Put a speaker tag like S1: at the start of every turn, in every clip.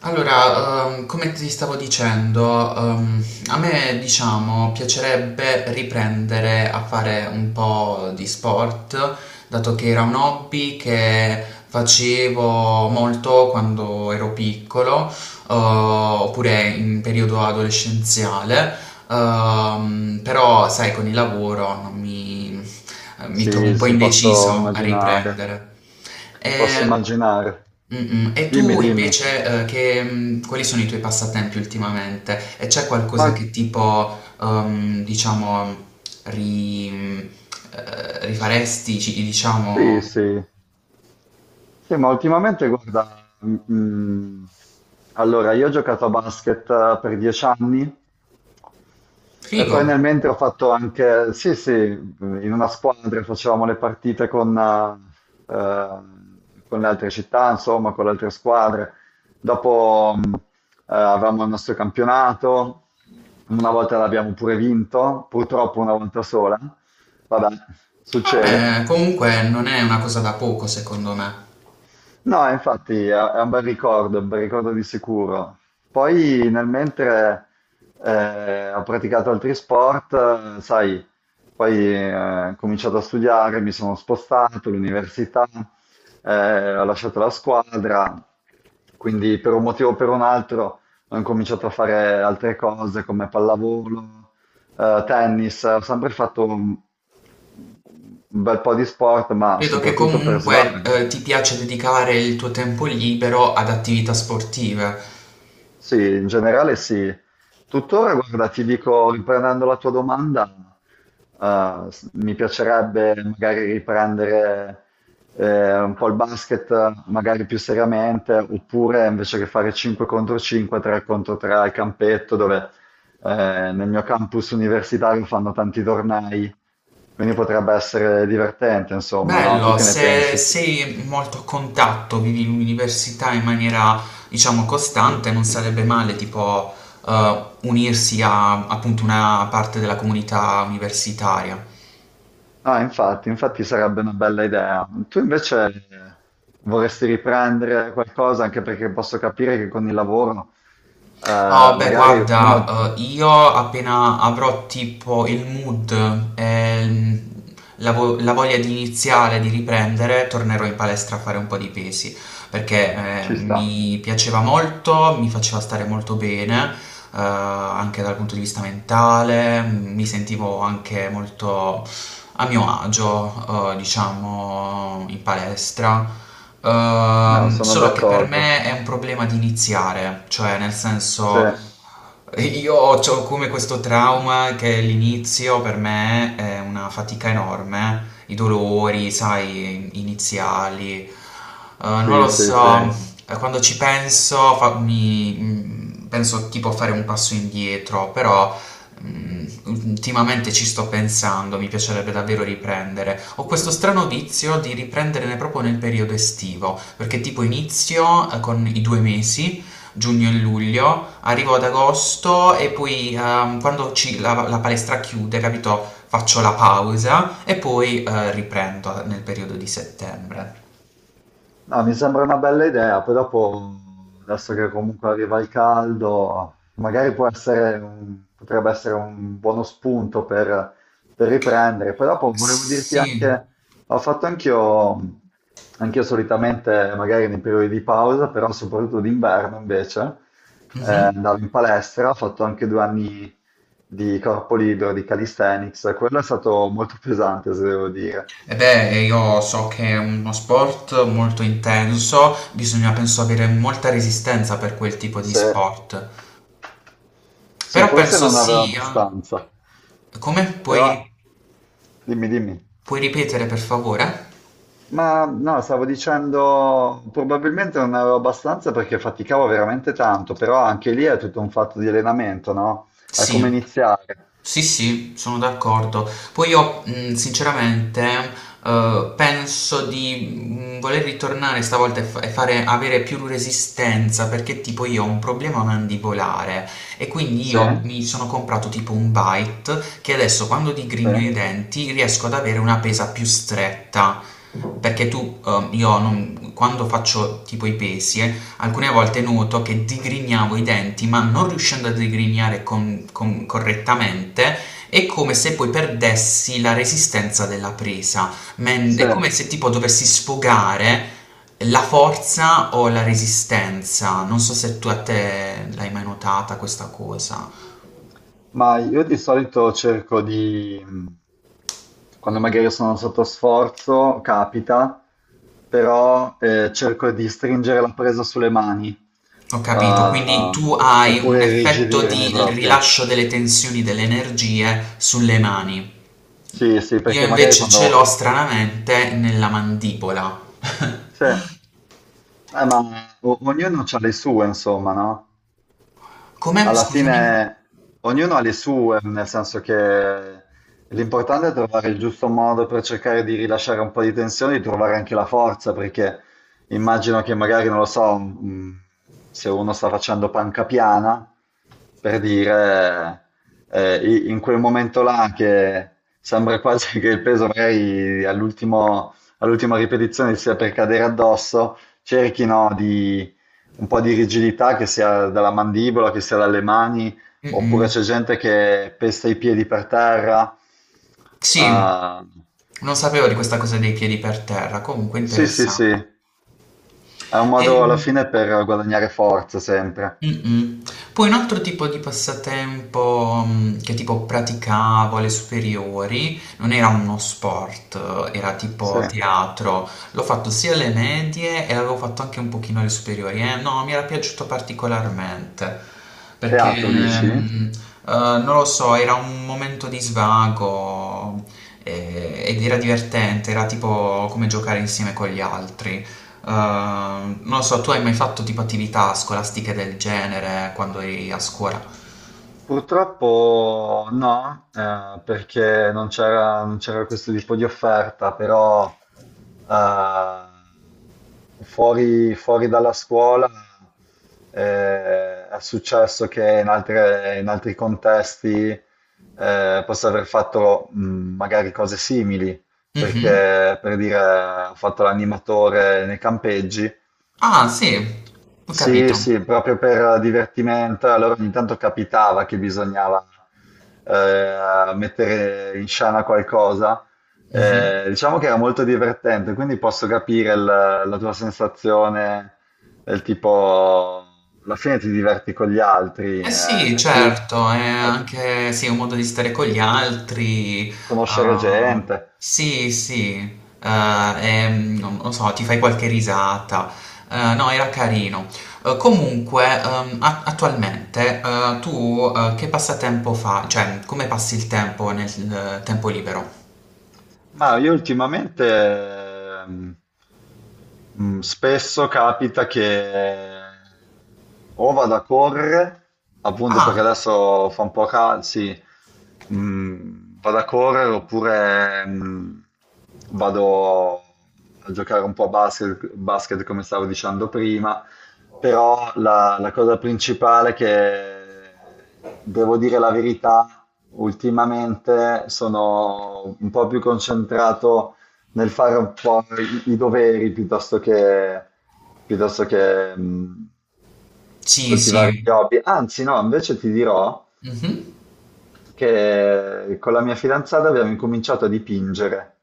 S1: Allora, come ti stavo dicendo, a me, diciamo, piacerebbe riprendere a fare un po' di sport, dato che era un hobby che facevo molto quando ero piccolo, oppure in periodo adolescenziale, però, sai, con il lavoro non mi, mi trovo un
S2: Sì,
S1: po'
S2: sì, posso
S1: indeciso a
S2: immaginare,
S1: riprendere. Ho
S2: posso
S1: capito.
S2: immaginare.
S1: Mm-mm. E
S2: Dimmi,
S1: tu
S2: dimmi,
S1: invece, quali sono i tuoi passatempi ultimamente? E c'è
S2: ma
S1: qualcosa che tipo, ri- rifaresti,
S2: sì,
S1: diciamo,
S2: sì, sì, ma ultimamente guarda, allora io ho giocato a basket per 10 anni. E poi
S1: figo?
S2: nel mentre ho fatto anche, sì, sì, in una squadra facevamo le partite eh, con le altre città, insomma, con le altre squadre. Dopo avevamo il nostro campionato, una volta l'abbiamo pure vinto, purtroppo una volta sola, vabbè, succede.
S1: Vabbè, comunque non è una cosa da poco, secondo me.
S2: No, infatti è un bel ricordo di sicuro. Poi nel mentre ho praticato altri sport, sai, poi ho cominciato a studiare, mi sono spostato all'università, ho lasciato la squadra, quindi per un motivo o per un altro ho incominciato a fare altre cose come pallavolo, tennis, ho sempre fatto un bel po' di sport, ma
S1: Credo che
S2: soprattutto per
S1: comunque,
S2: svago.
S1: ti
S2: No?
S1: piace dedicare il tuo tempo libero ad attività sportive.
S2: Sì, in generale sì. Tuttora, guarda, ti dico, riprendendo la tua domanda, mi piacerebbe magari riprendere un po' il basket, magari più seriamente, oppure invece che fare 5 contro 5, 3 contro 3 al campetto, dove eh, nel mio campus universitario fanno tanti tornei, quindi potrebbe essere divertente, insomma, no? Tu
S1: Bello,
S2: che ne
S1: se
S2: pensi?
S1: sei molto a contatto, vivi l'università in maniera, diciamo, costante, non sarebbe male, tipo, unirsi a appunto una parte della comunità universitaria.
S2: Ah, infatti, infatti sarebbe una bella idea. Tu invece vorresti riprendere qualcosa, anche perché posso capire che con il lavoro
S1: Oh, beh,
S2: magari uno
S1: guarda, io appena avrò tipo il mood e la voglia di iniziare, di riprendere, tornerò in palestra a fare un po' di pesi, perché
S2: ci sta.
S1: mi piaceva molto, mi faceva stare molto bene, anche dal punto di vista mentale, mi sentivo anche molto a mio agio, diciamo, in palestra.
S2: No, sono
S1: Solo che per
S2: d'accordo.
S1: me è un problema di iniziare, cioè nel
S2: Sì,
S1: senso io ho come questo trauma che l'inizio per me è una fatica enorme, i dolori, sai, iniziali. Non
S2: sì,
S1: lo
S2: sì,
S1: so.
S2: sì.
S1: Concordo. Quando ci penso, penso tipo a fare un passo indietro, però ultimamente ci sto pensando, mi piacerebbe davvero riprendere. Ho questo strano vizio di riprenderne proprio nel periodo estivo, perché tipo inizio con i due mesi, giugno e luglio. Arrivo ad agosto e poi quando la palestra chiude, capito, faccio la pausa e poi riprendo nel periodo di settembre.
S2: No, mi sembra una bella idea, poi dopo, adesso che comunque arriva il caldo, magari potrebbe essere un buono spunto per riprendere. Poi dopo volevo dirti
S1: Sì.
S2: anche, ho fatto anch'io, anch'io solitamente, magari nei periodi di pausa, però soprattutto d'inverno invece,
S1: Mhm.
S2: andavo in palestra, ho fatto anche 2 anni di corpo libero, di calisthenics, quello è stato molto pesante, se devo dire.
S1: E beh, io so che è uno sport molto intenso, bisogna penso avere molta resistenza per quel tipo di
S2: Se,
S1: sport.
S2: sì,
S1: Però
S2: forse
S1: penso
S2: non aveva
S1: sia...
S2: abbastanza,
S1: Come
S2: però
S1: puoi,
S2: dimmi, dimmi.
S1: puoi ripetere per favore?
S2: Ma no, stavo dicendo, probabilmente non avevo abbastanza perché faticavo veramente tanto, però anche lì è tutto un fatto di allenamento, no? È come
S1: Sì.
S2: iniziare.
S1: Sì, sì, sono d'accordo. Poi io, sinceramente, penso di voler ritornare stavolta e fare, avere più resistenza perché tipo io ho un problema mandibolare e quindi io
S2: Sì,
S1: mi sono comprato tipo un bite che adesso quando
S2: sì,
S1: digrigno i denti riesco ad avere una pesa più stretta. Perché tu, io non- quando faccio tipo i pesi, alcune volte noto che digrignavo i denti, ma non riuscendo a digrignare correttamente, è come se poi perdessi la resistenza della presa.
S2: sì.
S1: È come se tipo dovessi sfogare la forza o la resistenza. Non so se tu a te l'hai mai notata questa cosa.
S2: Ma io di solito cerco di, quando magari sono sotto sforzo, capita, però cerco di stringere la presa sulle mani,
S1: Ho capito, quindi
S2: eh,
S1: tu hai un
S2: oppure
S1: effetto
S2: irrigidirmi
S1: di
S2: proprio.
S1: rilascio delle tensioni, delle energie sulle mani.
S2: Sì, sì,
S1: Io
S2: perché magari
S1: invece ce
S2: quando...
S1: l'ho stranamente nella mandibola.
S2: Sì, eh, ma ognuno ha le sue, insomma, no?
S1: Come?
S2: Alla
S1: Scusami?
S2: fine ognuno ha le sue, nel senso che l'importante è trovare il giusto modo per cercare di rilasciare un po' di tensione, di trovare anche la forza, perché immagino che magari, non lo so, se uno sta facendo panca piana, per dire, in quel momento là che sembra quasi che il peso magari all'ultima ripetizione sia per cadere addosso, cerchino un po' di rigidità, che sia dalla mandibola, che sia dalle mani, oppure
S1: Mm-mm.
S2: c'è gente che pesta i piedi per terra.
S1: Sì,
S2: Ah,
S1: non sapevo di questa cosa dei piedi per terra, comunque
S2: sì, sì, sì,
S1: interessante.
S2: è un modo alla
S1: Ehm.
S2: fine per guadagnare forza sempre.
S1: Mh-mh. Poi un altro tipo di passatempo, che tipo praticavo alle superiori, non era uno sport, era
S2: Sì.
S1: tipo teatro. L'ho fatto sia alle medie e l'avevo fatto anche un pochino alle superiori e no, mi era piaciuto particolarmente perché...
S2: Teatro, dici?
S1: Mhmm, non lo so, era un momento di svago, ed era divertente, era tipo come giocare insieme con gli altri. Uh, non lo so, tu hai mai fatto tipo attività scolastiche del genere quando eri a scuola?
S2: Purtroppo no, perché non c'era questo tipo di offerta, però fuori dalla scuola è successo che in altri contesti possa aver fatto magari cose simili,
S1: Mhm.
S2: perché per dire ho fatto l'animatore nei campeggi
S1: Ah, sì, ho
S2: sì,
S1: capito.
S2: sì, proprio per divertimento. Allora ogni tanto capitava che bisognava mettere in scena qualcosa.
S1: Mhm.
S2: Diciamo che era molto divertente, quindi posso capire la tua sensazione del tipo, alla fine ti diverti con gli altri,
S1: Eh
S2: eh,
S1: sì,
S2: è più
S1: certo, è
S2: è
S1: anche sì, un modo di stare con gli altri.
S2: conoscere
S1: Ah,
S2: gente.
S1: sì, sì, eh, non lo so, ti fai qualche risata. No, era carino. Comunque, attualmente, tu che passatempo fai? Cioè, come passi il tempo nel tempo libero?
S2: Ma io ultimamente ehm, spesso capita che o vado a correre, appunto perché
S1: Ah,
S2: adesso fa un po' caldo, sì, vado a correre oppure vado a giocare un po' a basket, come stavo dicendo prima, però la cosa principale che devo dire la verità, ultimamente sono un po' più concentrato nel fare un po' i doveri piuttosto che, piuttosto che mh,
S1: sì,
S2: coltivare gli
S1: sì.
S2: hobby. Anzi, no, invece ti dirò
S1: Mh-mh.
S2: che con la mia fidanzata abbiamo incominciato a dipingere.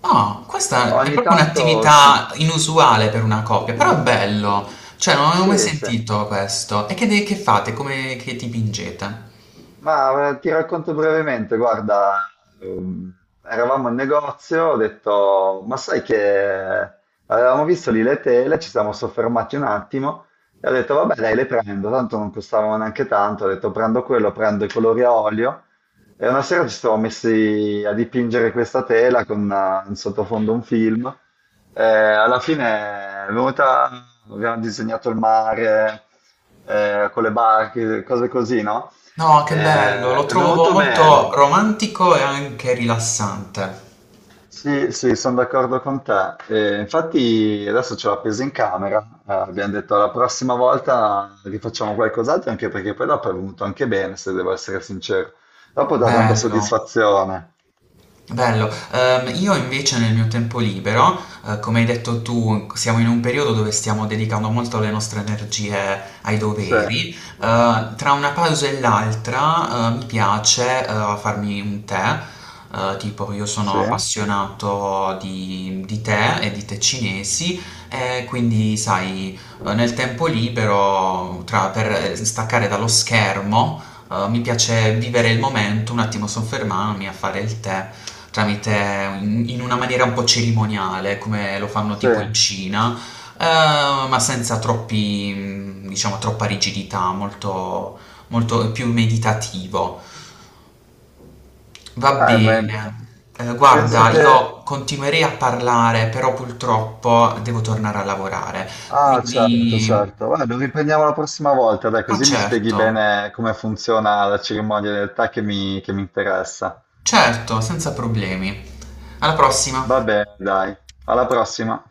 S1: No, questa è
S2: Ogni
S1: proprio
S2: tanto sì,
S1: un'attività inusuale per una coppia, però è bello. Cioè, non avevo mai
S2: sì, sì.
S1: sentito questo. E che fate? Come che dipingete?
S2: Ma ti racconto brevemente, guarda, ehm, eravamo in negozio, ho detto, ma sai che eh, avevamo visto lì le tele, ci siamo soffermati un attimo e ho detto, vabbè, dai, le prendo, tanto non costavano neanche tanto, ho detto, prendo quello, prendo i colori a olio e una sera ci siamo messi a dipingere questa tela con in sottofondo un film. Alla fine è venuta, abbiamo disegnato il mare con le barche, cose così, no?
S1: No, che bello, lo
S2: È
S1: trovo
S2: venuto
S1: molto
S2: bene.
S1: romantico e anche rilassante.
S2: Sì, sì, sono d'accordo con te. E infatti adesso ce l'ho appesa in camera. Abbiamo detto la prossima volta rifacciamo qualcos'altro, anche perché poi dopo è venuto anche bene, se devo essere sincero. Dopo dà tanta
S1: Bello.
S2: soddisfazione.
S1: Bello. Io invece nel mio tempo libero, come hai detto tu, siamo in un periodo dove stiamo dedicando molto le nostre energie ai
S2: Sì,
S1: doveri. Tra una pausa e l'altra, mi piace, farmi un tè. Tipo io
S2: sì,
S1: sono appassionato di tè e di tè cinesi, e quindi sai, nel tempo libero, per staccare dallo schermo, mi piace vivere il momento, un attimo soffermarmi a fare il tè tramite in una maniera un po' cerimoniale, come lo fanno
S2: sì.
S1: tipo in Cina, ma senza troppi, diciamo, troppa rigidità, molto, molto più meditativo. Va
S2: Ma
S1: bene.
S2: penso
S1: Guarda,
S2: che...
S1: io continuerei a parlare, però purtroppo devo tornare a lavorare.
S2: Ah, certo,
S1: Quindi,
S2: certo. Vabbè, lo riprendiamo la prossima volta, dai,
S1: ma
S2: così mi spieghi
S1: certo,
S2: bene come funziona la cerimonia del tè che mi interessa.
S1: certo, senza problemi. Alla prossima.
S2: Va bene, dai, alla prossima!